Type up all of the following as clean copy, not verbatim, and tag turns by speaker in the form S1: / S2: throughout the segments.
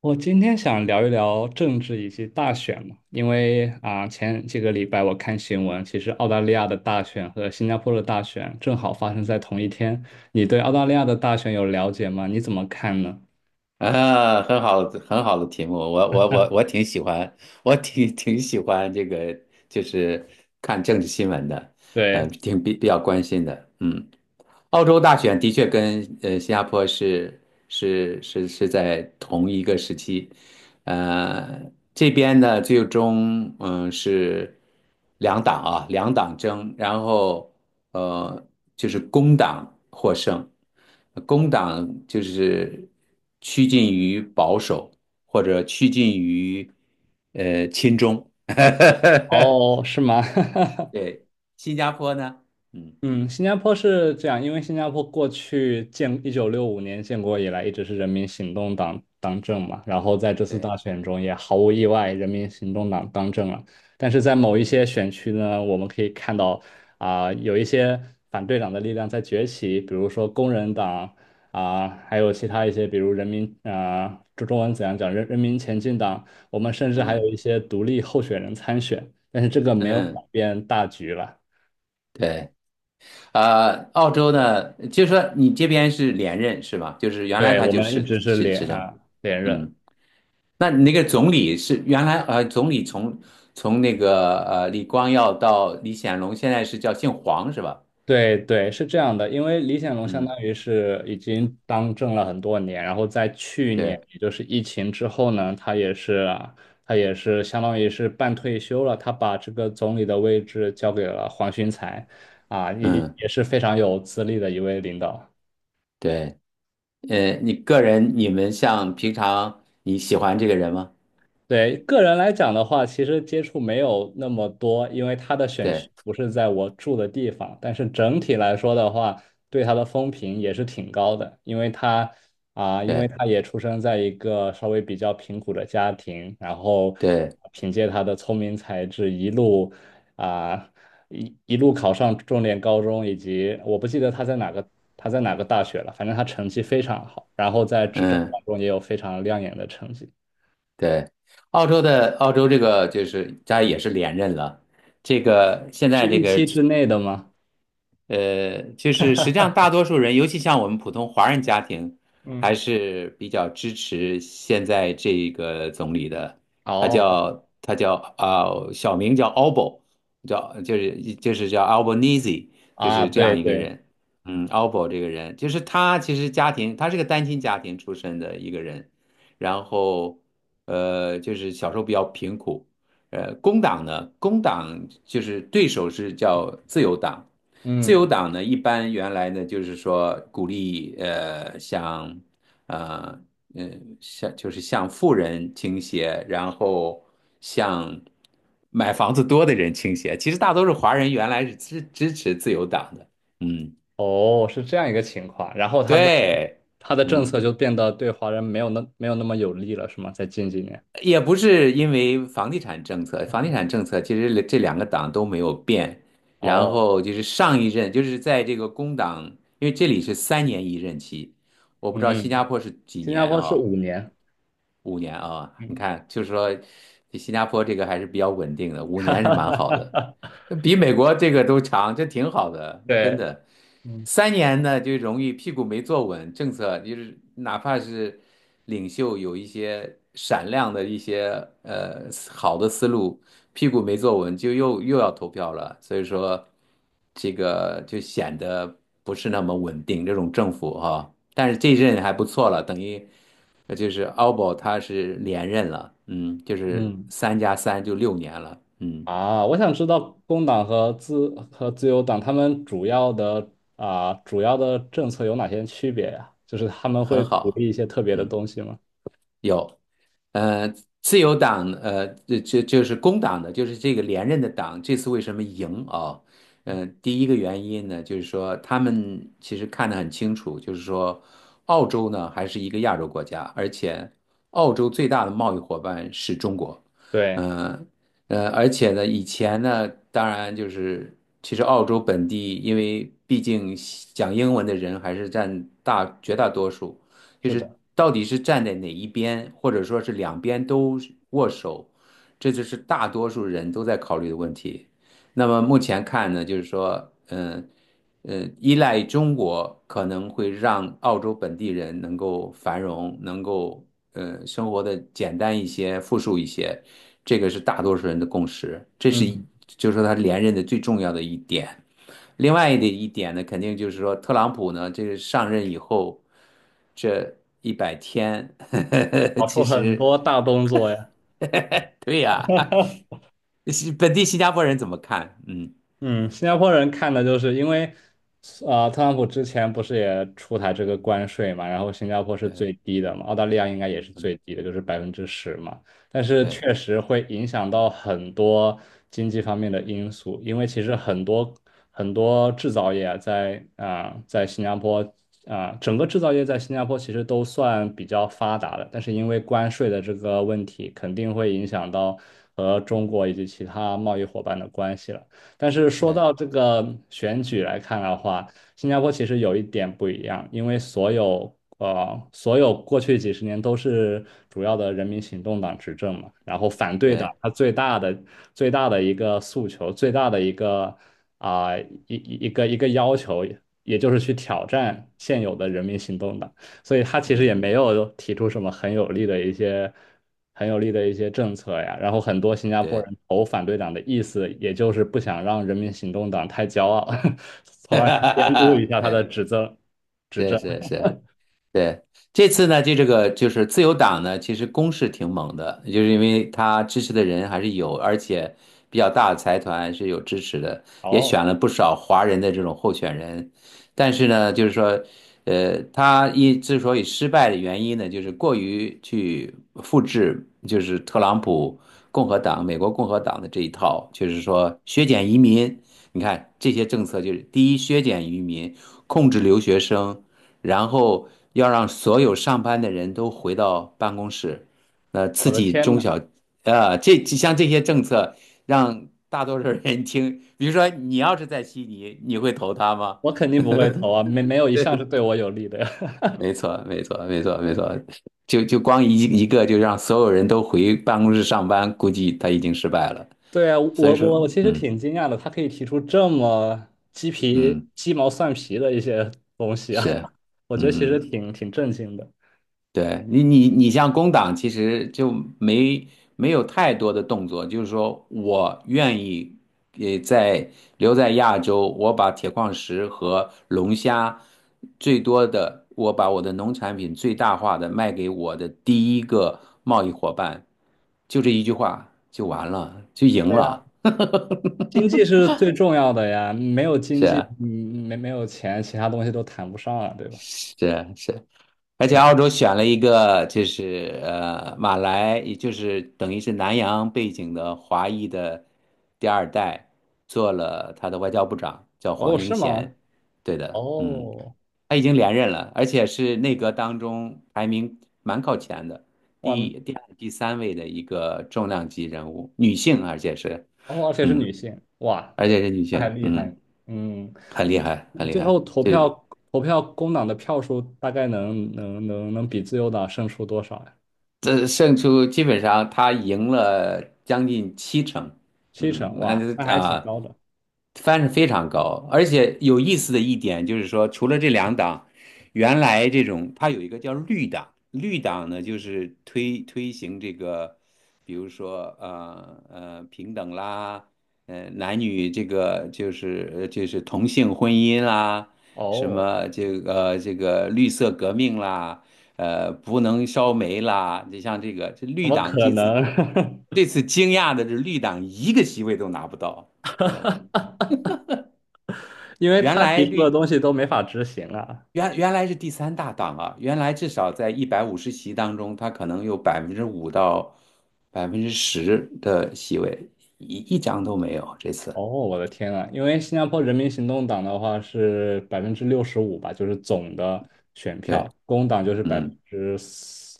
S1: 我今天想聊一聊政治以及大选嘛，因为啊、前几个礼拜我看新闻，其实澳大利亚的大选和新加坡的大选正好发生在同一天。你对澳大利亚的大选有了解吗？你怎么看呢？
S2: 啊，很好，很好的题目，我挺喜欢，我挺喜欢这个，就是看政治新闻的，
S1: 对，
S2: 挺比较关心的，嗯。澳洲大选的确跟新加坡是在同一个时期。这边呢最终是两党争，然后呃就是工党获胜。工党就是趋近于保守，或者趋近于亲中。
S1: 哦，是吗？
S2: 对，新加坡呢，嗯，
S1: 嗯，新加坡是这样，因为新加坡过去建1965年建国以来，一直是人民行动党当政嘛，然后在这次
S2: 对，
S1: 大选中也毫无意外，人民行动党当政了。但是在某一些选区呢，我们可以看到啊、有一些反对党的力量在崛起，比如说工人党啊、还有其他一些，比如人民啊、这中文怎样讲，人人民前进党，我们甚至还
S2: 嗯，
S1: 有一些独立候选人参选，但是这个没有改
S2: 嗯，
S1: 变大局了。
S2: 对。澳洲呢，就是说你这边是连任是吧？就是原来
S1: 对，
S2: 他
S1: 我
S2: 就
S1: 们一
S2: 是
S1: 直是
S2: 执执
S1: 连
S2: 政，
S1: 啊连任，
S2: 嗯，那你那个总理是原来，总理从那个李光耀到李显龙，现在是叫姓黄是吧？
S1: 对对是这样的，因为李显龙相
S2: 嗯，
S1: 当于是已经当政了很多年，然后在去年，
S2: 对，
S1: 也就是疫情之后呢，他也是相当于是半退休了，他把这个总理的位置交给了黄循财，啊，也
S2: 嗯，
S1: 也是非常有资历的一位领导。
S2: 对，你个人，你们像平常你喜欢这个人吗？
S1: 对，个人来讲的话，其实接触没有那么多，因为他的选区
S2: 对，
S1: 不是在我住的地方。但是整体来说的话，对他的风评也是挺高的，因为他啊，因为
S2: 对，
S1: 他也出生在一个稍微比较贫苦的家庭，然后
S2: 对，
S1: 凭借他的聪明才智，啊一路考上重点高中，以及我不记得他在哪个大学了，反正他成绩非常好，然后在执政
S2: 嗯，
S1: 当中也有非常亮眼的成绩。
S2: 对，澳洲这个就是他也是连任了。这个现
S1: 是
S2: 在这
S1: 预
S2: 个
S1: 期之内的吗？
S2: 呃，就是实际上大多数人，尤其像我们普通华人家庭，
S1: 嗯，
S2: 还是比较支持现在这个总理的。他
S1: 哦，
S2: 叫他叫啊、小名叫 Albo，叫就是叫 Albanese，就
S1: 啊，
S2: 是这
S1: 对
S2: 样一个
S1: 对，
S2: 人。嗯，Albo 这个人，就是他其实家庭，他是个单亲家庭出身的一个人，然后就是小时候比较贫苦。工党呢，工党就是对手是叫自由党。自由
S1: 嗯，
S2: 党呢一般原来呢就是说鼓励呃像就是向富人倾斜，然后向买房子多的人倾斜。其实大多数华人原来是支持自由党的，嗯，
S1: 哦，是这样一个情况。然后他的
S2: 对，
S1: 他的政
S2: 嗯。
S1: 策就变得对华人没有那么有利了，是吗？在近几年。
S2: 也不是因为房地产政策，房地产政策其实这两个党都没有变。然
S1: 哦，
S2: 后就是上一任，就是在这个工党，因为这里是3年一任期。我不知道新加
S1: 嗯，
S2: 坡是几
S1: 新加
S2: 年
S1: 坡是
S2: 啊，
S1: 五年。
S2: 5年啊，你
S1: 嗯
S2: 看，就是说新加坡这个还是比较稳定的，五
S1: 哈
S2: 年是
S1: 哈
S2: 蛮
S1: 哈
S2: 好
S1: 哈
S2: 的，
S1: 哈，
S2: 比美国这个都长，这挺好的，真
S1: 对，
S2: 的。
S1: 嗯
S2: 三年呢，就容易屁股没坐稳，政策就是哪怕是领袖有一些闪亮的一些呃好的思路，屁股没坐稳，就又要投票了，所以说这个就显得不是那么稳定。这种政府哈，但是这一任还不错了，等于就是奥博他是连任了，嗯，就是
S1: 嗯，
S2: 3加3就6年了，嗯，
S1: 啊，我想知道工党和自由党他们主要的政策有哪些区别呀？就是他们
S2: 很
S1: 会鼓
S2: 好，
S1: 励一些特别的
S2: 嗯。
S1: 东西吗？
S2: 有，呃，自由党，就是工党的，就是这个连任的党，这次为什么赢啊？第一个原因呢，就是说他们其实看得很清楚，就是说澳洲呢还是一个亚洲国家，而且澳洲最大的贸易伙伴是中国。
S1: 对，
S2: 嗯而且呢，以前呢，当然就是其实澳洲本地，因为毕竟讲英文的人还是占绝大多数。就
S1: 是
S2: 是
S1: 的。
S2: 到底是站在哪一边，或者说是两边都握手，这就是大多数人都在考虑的问题。那么目前看呢，就是说，嗯，依赖中国可能会让澳洲本地人能够繁荣，能够生活的简单一些、富庶一些，这个是大多数人的共识，这是
S1: 嗯，
S2: 一就是说他连任的最重要的一点。另外的一点呢，肯定就是说，特朗普呢，这个上任以后，这100天，
S1: 搞 出
S2: 其
S1: 很
S2: 实，
S1: 多大动作呀。
S2: 对呀，是本地新加坡人怎么看？嗯，
S1: 嗯，新加坡人看的就是因为，特朗普之前不是也出台这个关税嘛，然后新加坡是
S2: 对，
S1: 最低的嘛，澳大利亚应该也是最
S2: 嗯，
S1: 低的，就是10%嘛。但是
S2: 对，
S1: 确实会影响到很多经济方面的因素，因为其实很多很多制造业啊在啊、在新加坡啊、整个制造业在新加坡其实都算比较发达的，但是因为关税的这个问题，肯定会影响到和中国以及其他贸易伙伴的关系了。但是说
S2: 对，
S1: 到这个选举来看的话，新加坡其实有一点不一样，因为所有过去几十年都是主要的人民行动党执政嘛，然后反对党
S2: 对，
S1: 它最大的一个诉求，最大的一个啊、一一个要求，也就是去挑战现有的人民行动党。所以他其实也
S2: 嗯，
S1: 没有提出什么很有力的一些很有力的一些政策呀。然后很多新加坡
S2: 对，
S1: 人投反对党的意思，也就是不想让人民行动党太骄傲，从而 监督一下他的
S2: 对，
S1: 执政执
S2: 是
S1: 政。
S2: 是是。对，这次呢，就这个就是自由党呢，其实攻势挺猛的，就是因为他支持的人还是有，而且比较大的财团是有支持的，也选
S1: 哦，
S2: 了不少华人的这种候选人。但是呢，就是说，他之所以失败的原因呢，就是过于去复制，就是特朗普共和党、美国共和党的这一套，就是说削减移民。你看这些政策，就是第一，削减移民，控制留学生。然后要让所有上班的人都回到办公室，刺
S1: 我的
S2: 激
S1: 天
S2: 中
S1: 呐，
S2: 小，这像这些政策让大多数人听，比如说你要是在悉尼，你会投他吗？
S1: 我肯定不会投 啊，没有一项是对我有利的呀。
S2: 没错，没错，没错，没错，就光一个就让所有人都回办公室上班，估计他已经失败了。
S1: 对啊，我
S2: 所以说，
S1: 我我其实
S2: 嗯，
S1: 挺惊讶的，他可以提出这么鸡皮
S2: 嗯，
S1: 鸡毛蒜皮的一些东西啊，
S2: 是，
S1: 我觉得其实
S2: 嗯。
S1: 挺震惊的。
S2: 对你，你像工党，其实就没没有太多的动作，就是说我愿意，也在留在亚洲，我把铁矿石和龙虾最多的，我把我的农产品最大化的卖给我的第一个贸易伙伴，就这一句话就完了，就赢
S1: 对呀。
S2: 了，
S1: 经济是 最重要的呀，没有经
S2: 是
S1: 济，
S2: 啊，
S1: 嗯，没没有钱，其他东西都谈不上啊，对吧？
S2: 是啊，是啊，而且
S1: 对吧？
S2: 澳洲选了一个就是马来，也就是等于是南洋背景的华裔的第二代，做了他的外交部长，叫黄
S1: 哦，
S2: 英
S1: 是吗？
S2: 贤。对的，嗯，
S1: 哦，
S2: 他已经连任了，而且是内阁当中排名蛮靠前的，
S1: 哇，
S2: 第二、第三位的一个重量级人物，女性，而且是
S1: 哦，而且是
S2: 嗯，
S1: 女性，哇，
S2: 而且是女
S1: 那还
S2: 性，
S1: 厉害。
S2: 嗯，
S1: 嗯，
S2: 很厉害，很厉
S1: 最后
S2: 害，
S1: 投
S2: 就是。
S1: 票投票工党的票数大概能比自由党胜出多少呀？
S2: 这胜出基本上他赢了将近七成。
S1: 七
S2: 嗯，
S1: 成，
S2: 那
S1: 哇，那
S2: 就
S1: 还挺
S2: 啊，
S1: 高的。
S2: 翻是非常高，而且有意思的一点就是说，除了这两党，原来这种它有一个叫绿党。绿党呢就是推行这个，比如说平等啦，男女这个就是就是同性婚姻啦，什
S1: 哦，
S2: 么这个，这个绿色革命啦，不能烧煤啦，就像这个这
S1: 怎
S2: 绿
S1: 么
S2: 党
S1: 可
S2: 这次，
S1: 能？
S2: 这次惊讶的是绿党一个席位都拿不到。看到没？
S1: 因为
S2: 原
S1: 他
S2: 来
S1: 提出的
S2: 绿
S1: 东西都没法执行啊。
S2: 原来是第三大党啊，原来至少在150席当中，它可能有5%到10%的席位，一张都没有这
S1: 哦，
S2: 次。
S1: 我的天啊！因为新加坡人民行动党的话是65%吧，就是总的选
S2: 对，
S1: 票，工党就是百分
S2: 嗯，
S1: 之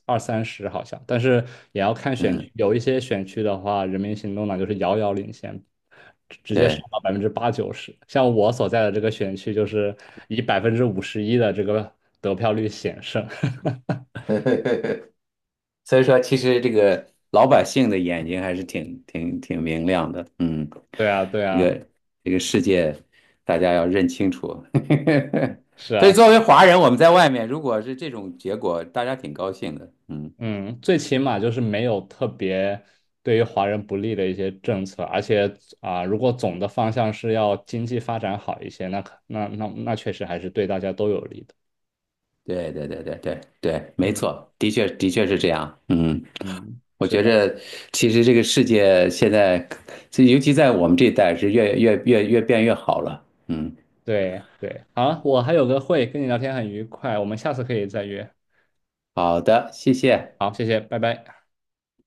S1: 二三十好像，但是也要看选区，
S2: 嗯，
S1: 有一些选区的话，人民行动党就是遥遥领先，直接上
S2: 对，
S1: 到80%到90%。像我所在的这个选区，就是以51%的这个得票率险胜。
S2: 所以说其实这个老百姓的眼睛还是挺明亮的，嗯，
S1: 对啊，对
S2: 这
S1: 啊，
S2: 个这个世界大家要认清楚。
S1: 是
S2: 所以
S1: 啊。
S2: 作为华人，我们在外面如果是这种结果，大家挺高兴的，嗯。
S1: 嗯，最起码就是没有特别对于华人不利的一些政策，而且啊、如果总的方向是要经济发展好一些，那可那那那确实还是对大家都有利的。
S2: 对，对，对，对，对，对，没
S1: 嗯，
S2: 错，的确的确是这样。嗯，
S1: 嗯，
S2: 我
S1: 是
S2: 觉
S1: 的，
S2: 着其实这个世界现在，这尤其在我们这一代是越变越好了。嗯，
S1: 对对。好，我还有个会，跟你聊天很愉快，我们下次可以再约。
S2: 好的，谢谢。
S1: 好，谢谢，拜拜。